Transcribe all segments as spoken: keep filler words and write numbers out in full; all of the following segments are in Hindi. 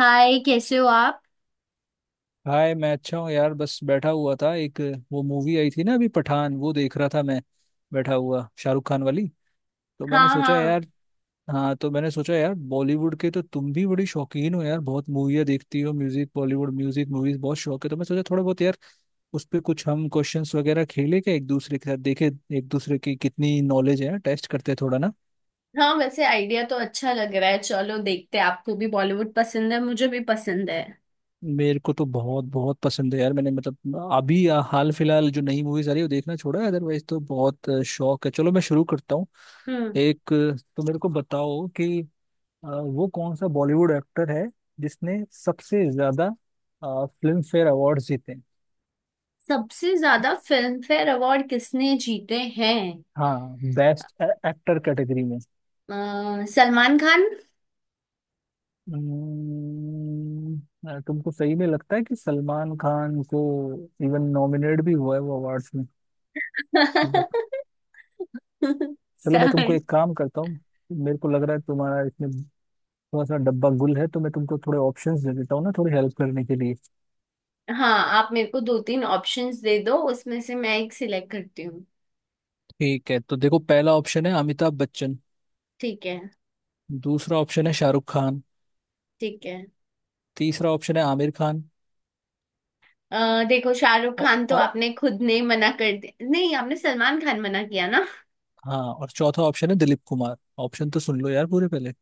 हाय, कैसे हो आप। हाय, मैं अच्छा हूँ यार। बस बैठा हुआ था, एक वो मूवी आई थी ना, अभी पठान, वो देख रहा था मैं बैठा हुआ, शाहरुख खान वाली। तो मैंने हाँ, सोचा हाँ। यार, हाँ तो मैंने सोचा यार, बॉलीवुड के तो तुम भी बड़ी शौकीन हो यार, बहुत मूवियाँ देखती हो, म्यूजिक, बॉलीवुड म्यूजिक, मूवीज बहुत शौक है, तो मैं सोचा थोड़ा बहुत यार उस पर कुछ हम क्वेश्चंस वगैरह खेले क्या एक दूसरे के साथ, देखे एक दूसरे की कितनी नॉलेज है, टेस्ट करते थोड़ा ना। हाँ, वैसे आइडिया तो अच्छा लग रहा है। चलो देखते हैं। आपको भी बॉलीवुड पसंद है, मुझे भी पसंद है। मेरे को तो बहुत बहुत पसंद है यार। मैंने मतलब अभी आ, हाल फिलहाल जो नई मूवीज आ रही है वो देखना छोड़ा है, अदरवाइज तो बहुत आ, शौक है। चलो मैं शुरू करता हूँ हम्म। एक आ, तो मेरे को बताओ कि आ, वो कौन सा बॉलीवुड एक्टर है जिसने सबसे ज्यादा फिल्म फेयर अवार्ड जीते हैं? सबसे ज्यादा फिल्म फेयर अवार्ड किसने जीते हैं। हाँ, बेस्ट एक्टर कैटेगरी में। अ, सलमान खान। हम्म, आ, तुमको सही में लगता है कि सलमान खान को इवन नॉमिनेट भी हुआ है वो अवार्ड्स में? मतलब। चलो मैं तुमको सर। एक काम करता हूँ। मेरे को लग रहा है तुम्हारा इसमें थोड़ा सा डब्बा गुल है, तो मैं तुमको थोड़े ऑप्शंस दे देता हूँ ना, थोड़ी हेल्प करने के लिए। हाँ। आप मेरे को दो तीन ऑप्शंस दे दो, उसमें से मैं एक सिलेक्ट करती हूँ। ठीक है, तो देखो पहला ऑप्शन है अमिताभ बच्चन। ठीक है। दूसरा ऑप्शन है शाहरुख खान। ठीक है। तीसरा ऑप्शन है आमिर खान। अ, देखो, शाहरुख औ, खान तो और आपने खुद ने मना कर दिया। नहीं, आपने सलमान खान मना किया। हाँ, और चौथा ऑप्शन है दिलीप कुमार। ऑप्शन तो सुन लो यार पूरे पहले।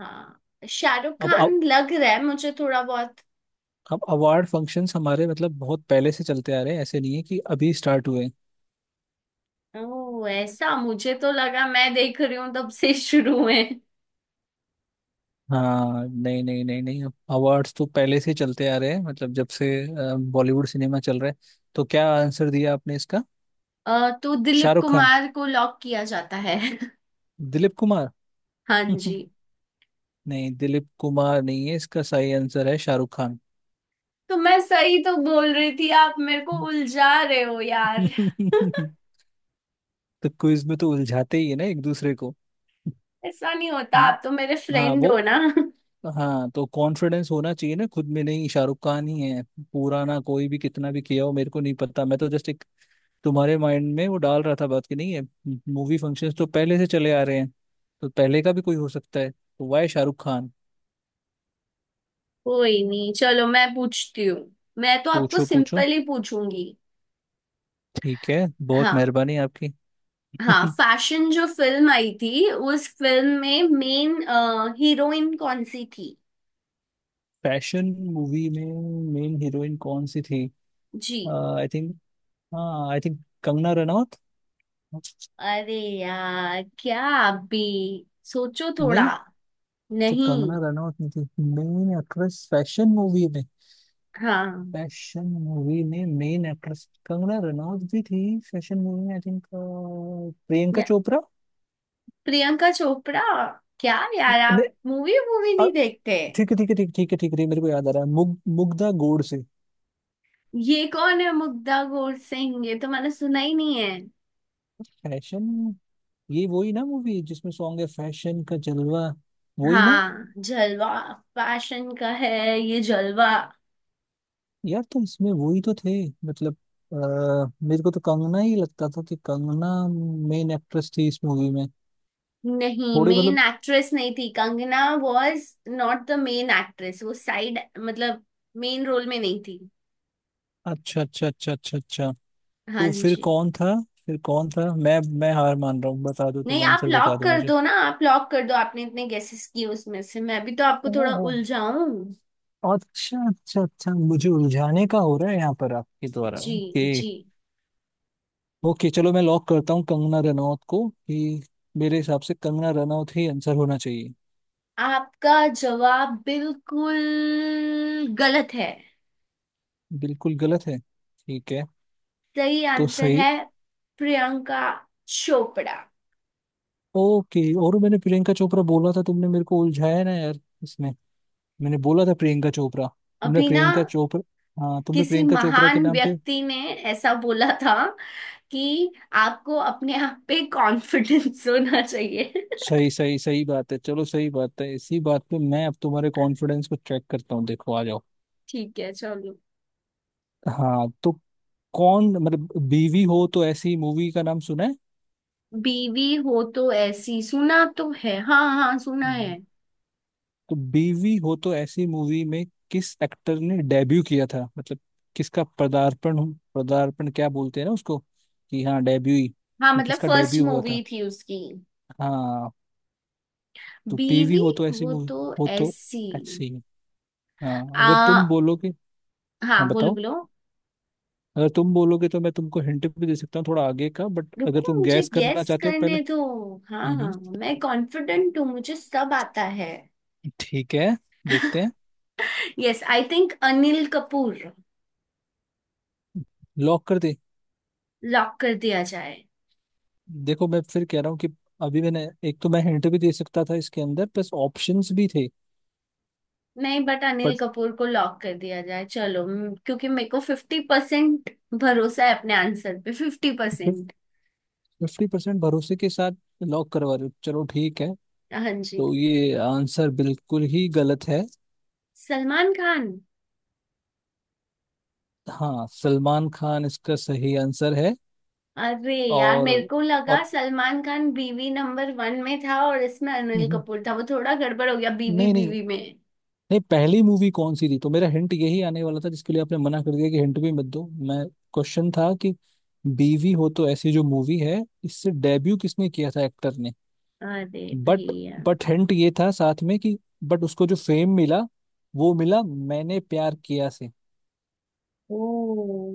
हाँ, शाहरुख अब अब खान लग रहा है मुझे थोड़ा बहुत। अवार्ड फंक्शंस हमारे मतलब बहुत पहले से चलते आ रहे हैं, ऐसे नहीं है कि अभी स्टार्ट हुए हैं। ओ, ऐसा। मुझे तो लगा मैं देख रही हूँ तब से शुरू में। हाँ नहीं नहीं नहीं नहीं, अवार्ड्स तो पहले से चलते आ रहे हैं, मतलब जब से अ, बॉलीवुड सिनेमा चल रहा है। तो क्या आंसर दिया आपने इसका? अ, तो दिलीप शाहरुख खान, कुमार को लॉक किया जाता है। दिलीप कुमार? हाँ जी। नहीं, दिलीप कुमार नहीं है, इसका सही आंसर है शाहरुख खान। तो मैं सही तो बोल रही थी, आप मेरे को उलझा रहे हो यार। तो क्विज में तो उलझाते ही है ना एक दूसरे को। ऐसा नहीं होता, हम्म, आप तो मेरे हाँ फ्रेंड वो, हो ना। हाँ तो कॉन्फिडेंस होना चाहिए ना खुद में। नहीं, शाहरुख खान ही है। पुराना कोई भी कितना भी किया हो मेरे को नहीं पता, मैं तो जस्ट एक तुम्हारे माइंड में वो डाल रहा था बात, कि नहीं है, मूवी फंक्शंस तो पहले से चले आ रहे हैं, तो पहले का भी कोई हो सकता है, तो वाई शाहरुख खान। कोई नहीं, चलो मैं पूछती हूँ। मैं तो आपको पूछो पूछो, सिंपल ही पूछूंगी। ठीक है। बहुत हाँ। मेहरबानी आपकी। हाँ, फैशन जो फिल्म आई थी, उस फिल्म में मेन हीरोइन कौन सी थी। फैशन मूवी में मेन हीरोइन कौन सी थी? जी। आई थिंक, हाँ आई थिंक कंगना रनौत। अरे यार, क्या आप भी सोचो थोड़ा। नहीं? तो नहीं। कंगना रनौत नहीं थी मेन एक्ट्रेस फैशन मूवी में? हाँ। फैशन मूवी में मेन एक्ट्रेस कंगना रनौत भी थी, फैशन मूवी में आई थिंक प्रियंका या, चोपड़ा? प्रियंका चोपड़ा। क्या यार, आप नहीं, मूवी मूवी नहीं देखते। ठीक है, ठीक है, ठीक ठीक है, ठीक है, मेरे को याद आ रहा है, मुग मुग्धा गोड से। ये कौन है मुग्धा गोर सिंह, ये तो मैंने सुना ही नहीं है। फैशन, ये वही ना मूवी जिसमें सॉन्ग है फैशन का जलवा, वही ना? हाँ, जलवा। फैशन का है ये जलवा। यार तो इसमें वही तो थे, मतलब, आ, मेरे को तो कंगना ही लगता था कि कंगना मेन एक्ट्रेस थी इस मूवी में, नहीं, थोड़ी मेन मतलब। एक्ट्रेस नहीं थी Kangana. Was not the main actress. वो साइड मतलब मेन रोल में नहीं थी। अच्छा अच्छा अच्छा अच्छा अच्छा। हाँ तो फिर जी। कौन था? फिर कौन था? मैं मैं हार मान रहा हूँ, बता दो नहीं, तुम आप आंसर, बता लॉक दो कर मुझे। दो ना। आप लॉक कर दो। आपने इतने गेसेस किए, उसमें से मैं भी तो आपको थोड़ा ओहो, उलझाऊं। अच्छा अच्छा अच्छा, मुझे उलझाने का हो रहा है यहाँ पर आपके द्वारा? जी। ओके। जी। ओके चलो मैं लॉक करता हूँ कंगना रनौत को, कि मेरे हिसाब से कंगना रनौत ही आंसर होना चाहिए। आपका जवाब बिल्कुल गलत है। बिल्कुल गलत है? ठीक है। सही तो आंसर सही? है प्रियंका चोपड़ा। ओके। और मैंने प्रियंका चोपड़ा बोला था, तुमने मेरे को उलझाया ना यार इसमें, मैंने बोला था प्रियंका चोपड़ा, तुमने अभी ना प्रियंका चोपड़ा, हाँ तुमने किसी प्रियंका चोपड़ा के महान नाम पे। व्यक्ति ने ऐसा बोला था कि आपको अपने आप पे कॉन्फिडेंस होना चाहिए। सही सही सही बात है, चलो सही बात है, इसी बात पे मैं अब तुम्हारे कॉन्फिडेंस को चेक करता हूँ, देखो आ जाओ। ठीक है, चलो। हाँ, तो कौन मतलब, बीवी हो तो ऐसी मूवी का नाम सुना बीवी हो तो ऐसी सुना तो है, हाँ हाँ, सुना है। है? तो बीवी हो तो ऐसी मूवी में किस एक्टर ने डेब्यू किया था, मतलब किसका पदार्पण हो, पदार्पण क्या बोलते हैं ना उसको, कि हाँ डेब्यू ही, हाँ, कि मतलब किसका फर्स्ट डेब्यू हुआ था? मूवी थी उसकी। हाँ तो बीवी बीवी हो तो ऐसी वो मूवी, तो हो तो ऐसी। ऐसी, हाँ अगर तुम आ। बोलोगे, हाँ, हाँ बोलो बताओ, बोलो। अगर तुम बोलोगे तो मैं तुमको हिंट भी दे सकता हूँ थोड़ा आगे का, बट अगर रुको, तुम मुझे गैस करना गेस चाहते हो पहले। करने दो। हाँ हम्म हाँ, हम्म, मैं कॉन्फिडेंट हूँ, मुझे सब आता है। ठीक है, देखते हैं। Yes, I think Anil Kapoor. Lock कर दे? लॉक कर दिया जाए। देखो मैं फिर कह रहा हूँ कि अभी मैंने एक, तो मैं हिंट भी दे सकता था इसके अंदर प्लस ऑप्शंस भी थे, नहीं, बट अनिल बट कपूर को लॉक कर दिया जाए। चलो म- क्योंकि मेरे को फिफ्टी परसेंट भरोसा है अपने आंसर पे, फिफ्टी परसेंट। फिफ्टी परसेंट भरोसे के साथ लॉक करवा रहे हो, चलो ठीक है। हाँ जी। तो ये आंसर बिल्कुल ही गलत है। सलमान खान। हाँ, सलमान खान इसका सही आंसर है। अरे यार, और मेरे को लगा और सलमान खान बीवी नंबर वन में था और इसमें अनिल हम्म, कपूर था। वो थोड़ा गड़बड़ हो गया बीवी नहीं नहीं, बीवी में। नहीं पहली मूवी कौन सी थी, तो मेरा हिंट यही आने वाला था जिसके लिए आपने मना कर दिया कि हिंट भी मत दो, मैं क्वेश्चन था कि बीवी हो तो ऐसी जो मूवी है इससे डेब्यू किसने किया था एक्टर ने, अरे बट भैया। बट हिंट ये था साथ में कि, बट उसको जो फेम मिला वो मिला मैंने प्यार किया से। ओ।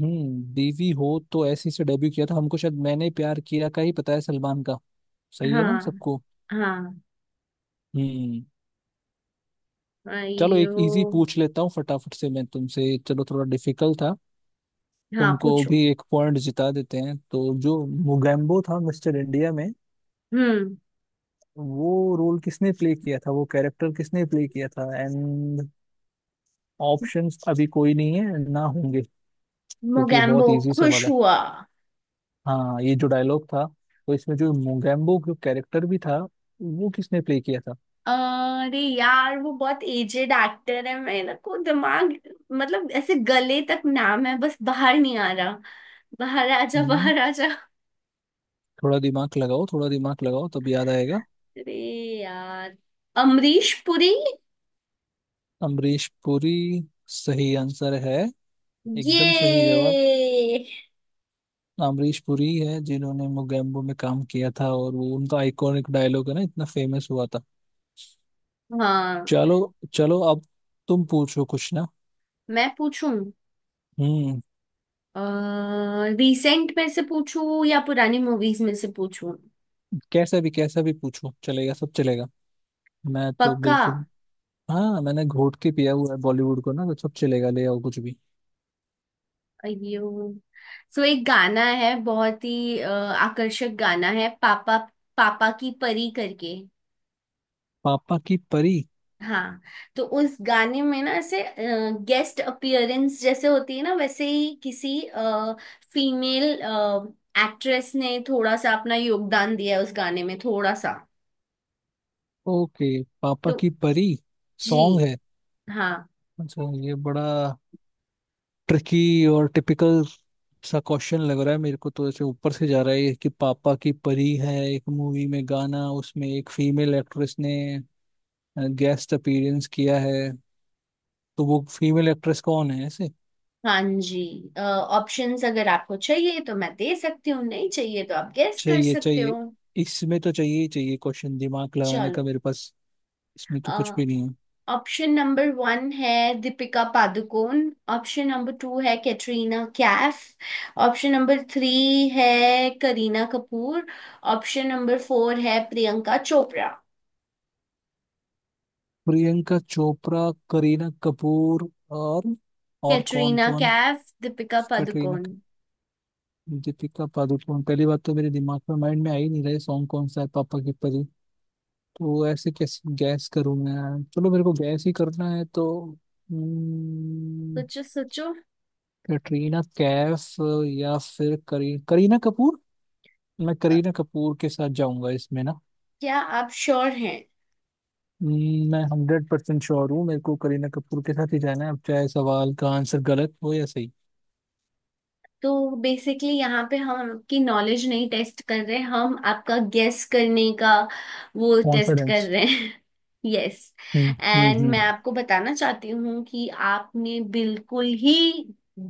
हम्म बीवी हो तो ऐसी से डेब्यू किया था, हमको शायद मैंने प्यार किया का ही पता है सलमान का। सही है ना हाँ। सबको? हाँ। हम्म। चलो एक अयो। इजी पूछ लेता हूँ फटाफट से मैं तुमसे, चलो थोड़ा डिफिकल्ट था, हाँ, तुमको पूछो। भी एक पॉइंट जिता देते हैं। तो जो मुगैम्बो था मिस्टर इंडिया में, हम्म। वो रोल किसने प्ले किया था, वो कैरेक्टर किसने प्ले किया था? एंड ऑप्शंस अभी कोई नहीं है ना होंगे, क्योंकि ये मोगैम्बो बहुत इजी सवाल खुश है। हुआ। हाँ, ये जो डायलॉग था, तो इसमें जो मोगेम्बो जो कैरेक्टर भी था, वो किसने प्ले किया था? अरे यार, वो बहुत एजेड एक्टर है, मेरे को दिमाग, मतलब ऐसे गले तक नाम है, बस बाहर नहीं आ रहा। बाहर आ जा, हम्म बाहर आ जा। थोड़ा दिमाग लगाओ, थोड़ा दिमाग लगाओ, तब याद आएगा। अरे यार, अमरीश पुरी। अमरीश पुरी, सही आंसर है, एकदम सही जवाब। ये। अमरीश पुरी है जिन्होंने मोगेम्बो में काम किया था, और वो उनका आइकॉनिक डायलॉग है ना, इतना फेमस हुआ था। हाँ। चलो, चलो अब तुम पूछो कुछ ना। मैं पूछूं। हम्म। रिसेंट में से पूछूं या पुरानी मूवीज में से पूछूं। कैसा भी कैसा भी पूछो, चलेगा, सब चलेगा, मैं तो पक्का। बिल्कुल, हाँ मैंने घोट के पिया हुआ है बॉलीवुड को ना, तो सब चलेगा, ले आओ कुछ भी। अयो। सो एक गाना है, बहुत ही अ, आकर्षक गाना है। पापा पापा की परी करके। पापा की परी? हाँ। तो उस गाने में ना, ऐसे गेस्ट अपीयरेंस जैसे होती है ना, वैसे ही किसी फीमेल एक्ट्रेस ने थोड़ा सा अपना योगदान दिया है उस गाने में, थोड़ा सा। ओके, पापा तो की परी जी। सॉन्ग है? हाँ। अच्छा, ये बड़ा ट्रिकी और टिपिकल सा क्वेश्चन लग रहा है, मेरे को तो ऐसे ऊपर से जा रहा है ये, कि पापा की परी है एक मूवी में गाना, उसमें एक फीमेल एक्ट्रेस ने गेस्ट अपीयरेंस किया है, तो वो फीमेल एक्ट्रेस कौन है ऐसे? हाँ जी। ऑप्शंस अगर आपको चाहिए तो मैं दे सकती हूँ, नहीं चाहिए तो आप गेस कर चाहिए सकते हो। चाहिए, इसमें तो चाहिए ही चाहिए क्वेश्चन, दिमाग लगाने का चलो। मेरे पास इसमें तो कुछ भी नहीं है। ऑप्शन नंबर वन है Deepika Padukone. Option number two है Katrina Kaif. Option number three है Kareena Kapoor. Option number four है प्रियंका चोपड़ा। प्रियंका चोपड़ा, करीना कपूर, और और कौन कैटरीना कौन है? कैफ, दीपिका कैटरीना पादुकोण। कैफ, दीपिका पादुकोण, पहली बात तो मेरे दिमाग में, माइंड में आ ही नहीं रहे सॉन्ग कौन सा है पापा की परी, तो ऐसे कैसे गैस करूं मैं? चलो मेरे को गैस ही करना है तो, हम्म, सोचो सोचो। कैटरीना कैफ या फिर करी करीना कपूर, मैं अ, करीना कपूर के साथ जाऊंगा इसमें ना। क्या आप श्योर हैं। हम्म, मैं हंड्रेड परसेंट श्योर हूँ, मेरे को करीना कपूर के साथ ही जाना है, अब चाहे सवाल का आंसर गलत हो या सही। तो बेसिकली यहाँ पे हम आपकी नॉलेज नहीं टेस्ट कर रहे, हम आपका गेस करने का वो टेस्ट कर कॉन्फिडेंस। रहे हैं। यस। हम्म, हम्म, एंड मैं हम्म। आपको बताना चाहती हूँ कि आपने बिल्कुल ही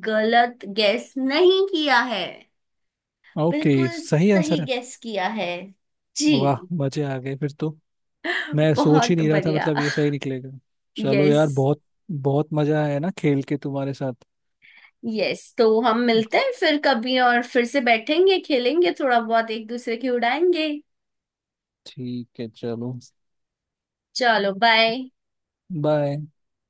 गलत गेस नहीं किया है। ओके, बिल्कुल सही सही आंसर है? गेस किया है जी। वाह मजे आ गए फिर तो, मैं सोच ही बहुत नहीं रहा था बढ़िया। मतलब ये सही निकलेगा। चलो यार, यस। बहुत बहुत मजा आया ना खेल के तुम्हारे साथ। यस, तो हम मिलते हैं फिर कभी और फिर से बैठेंगे, खेलेंगे थोड़ा बहुत, एक दूसरे की उड़ाएंगे। ठीक है, चलो चलो बाय। बाय।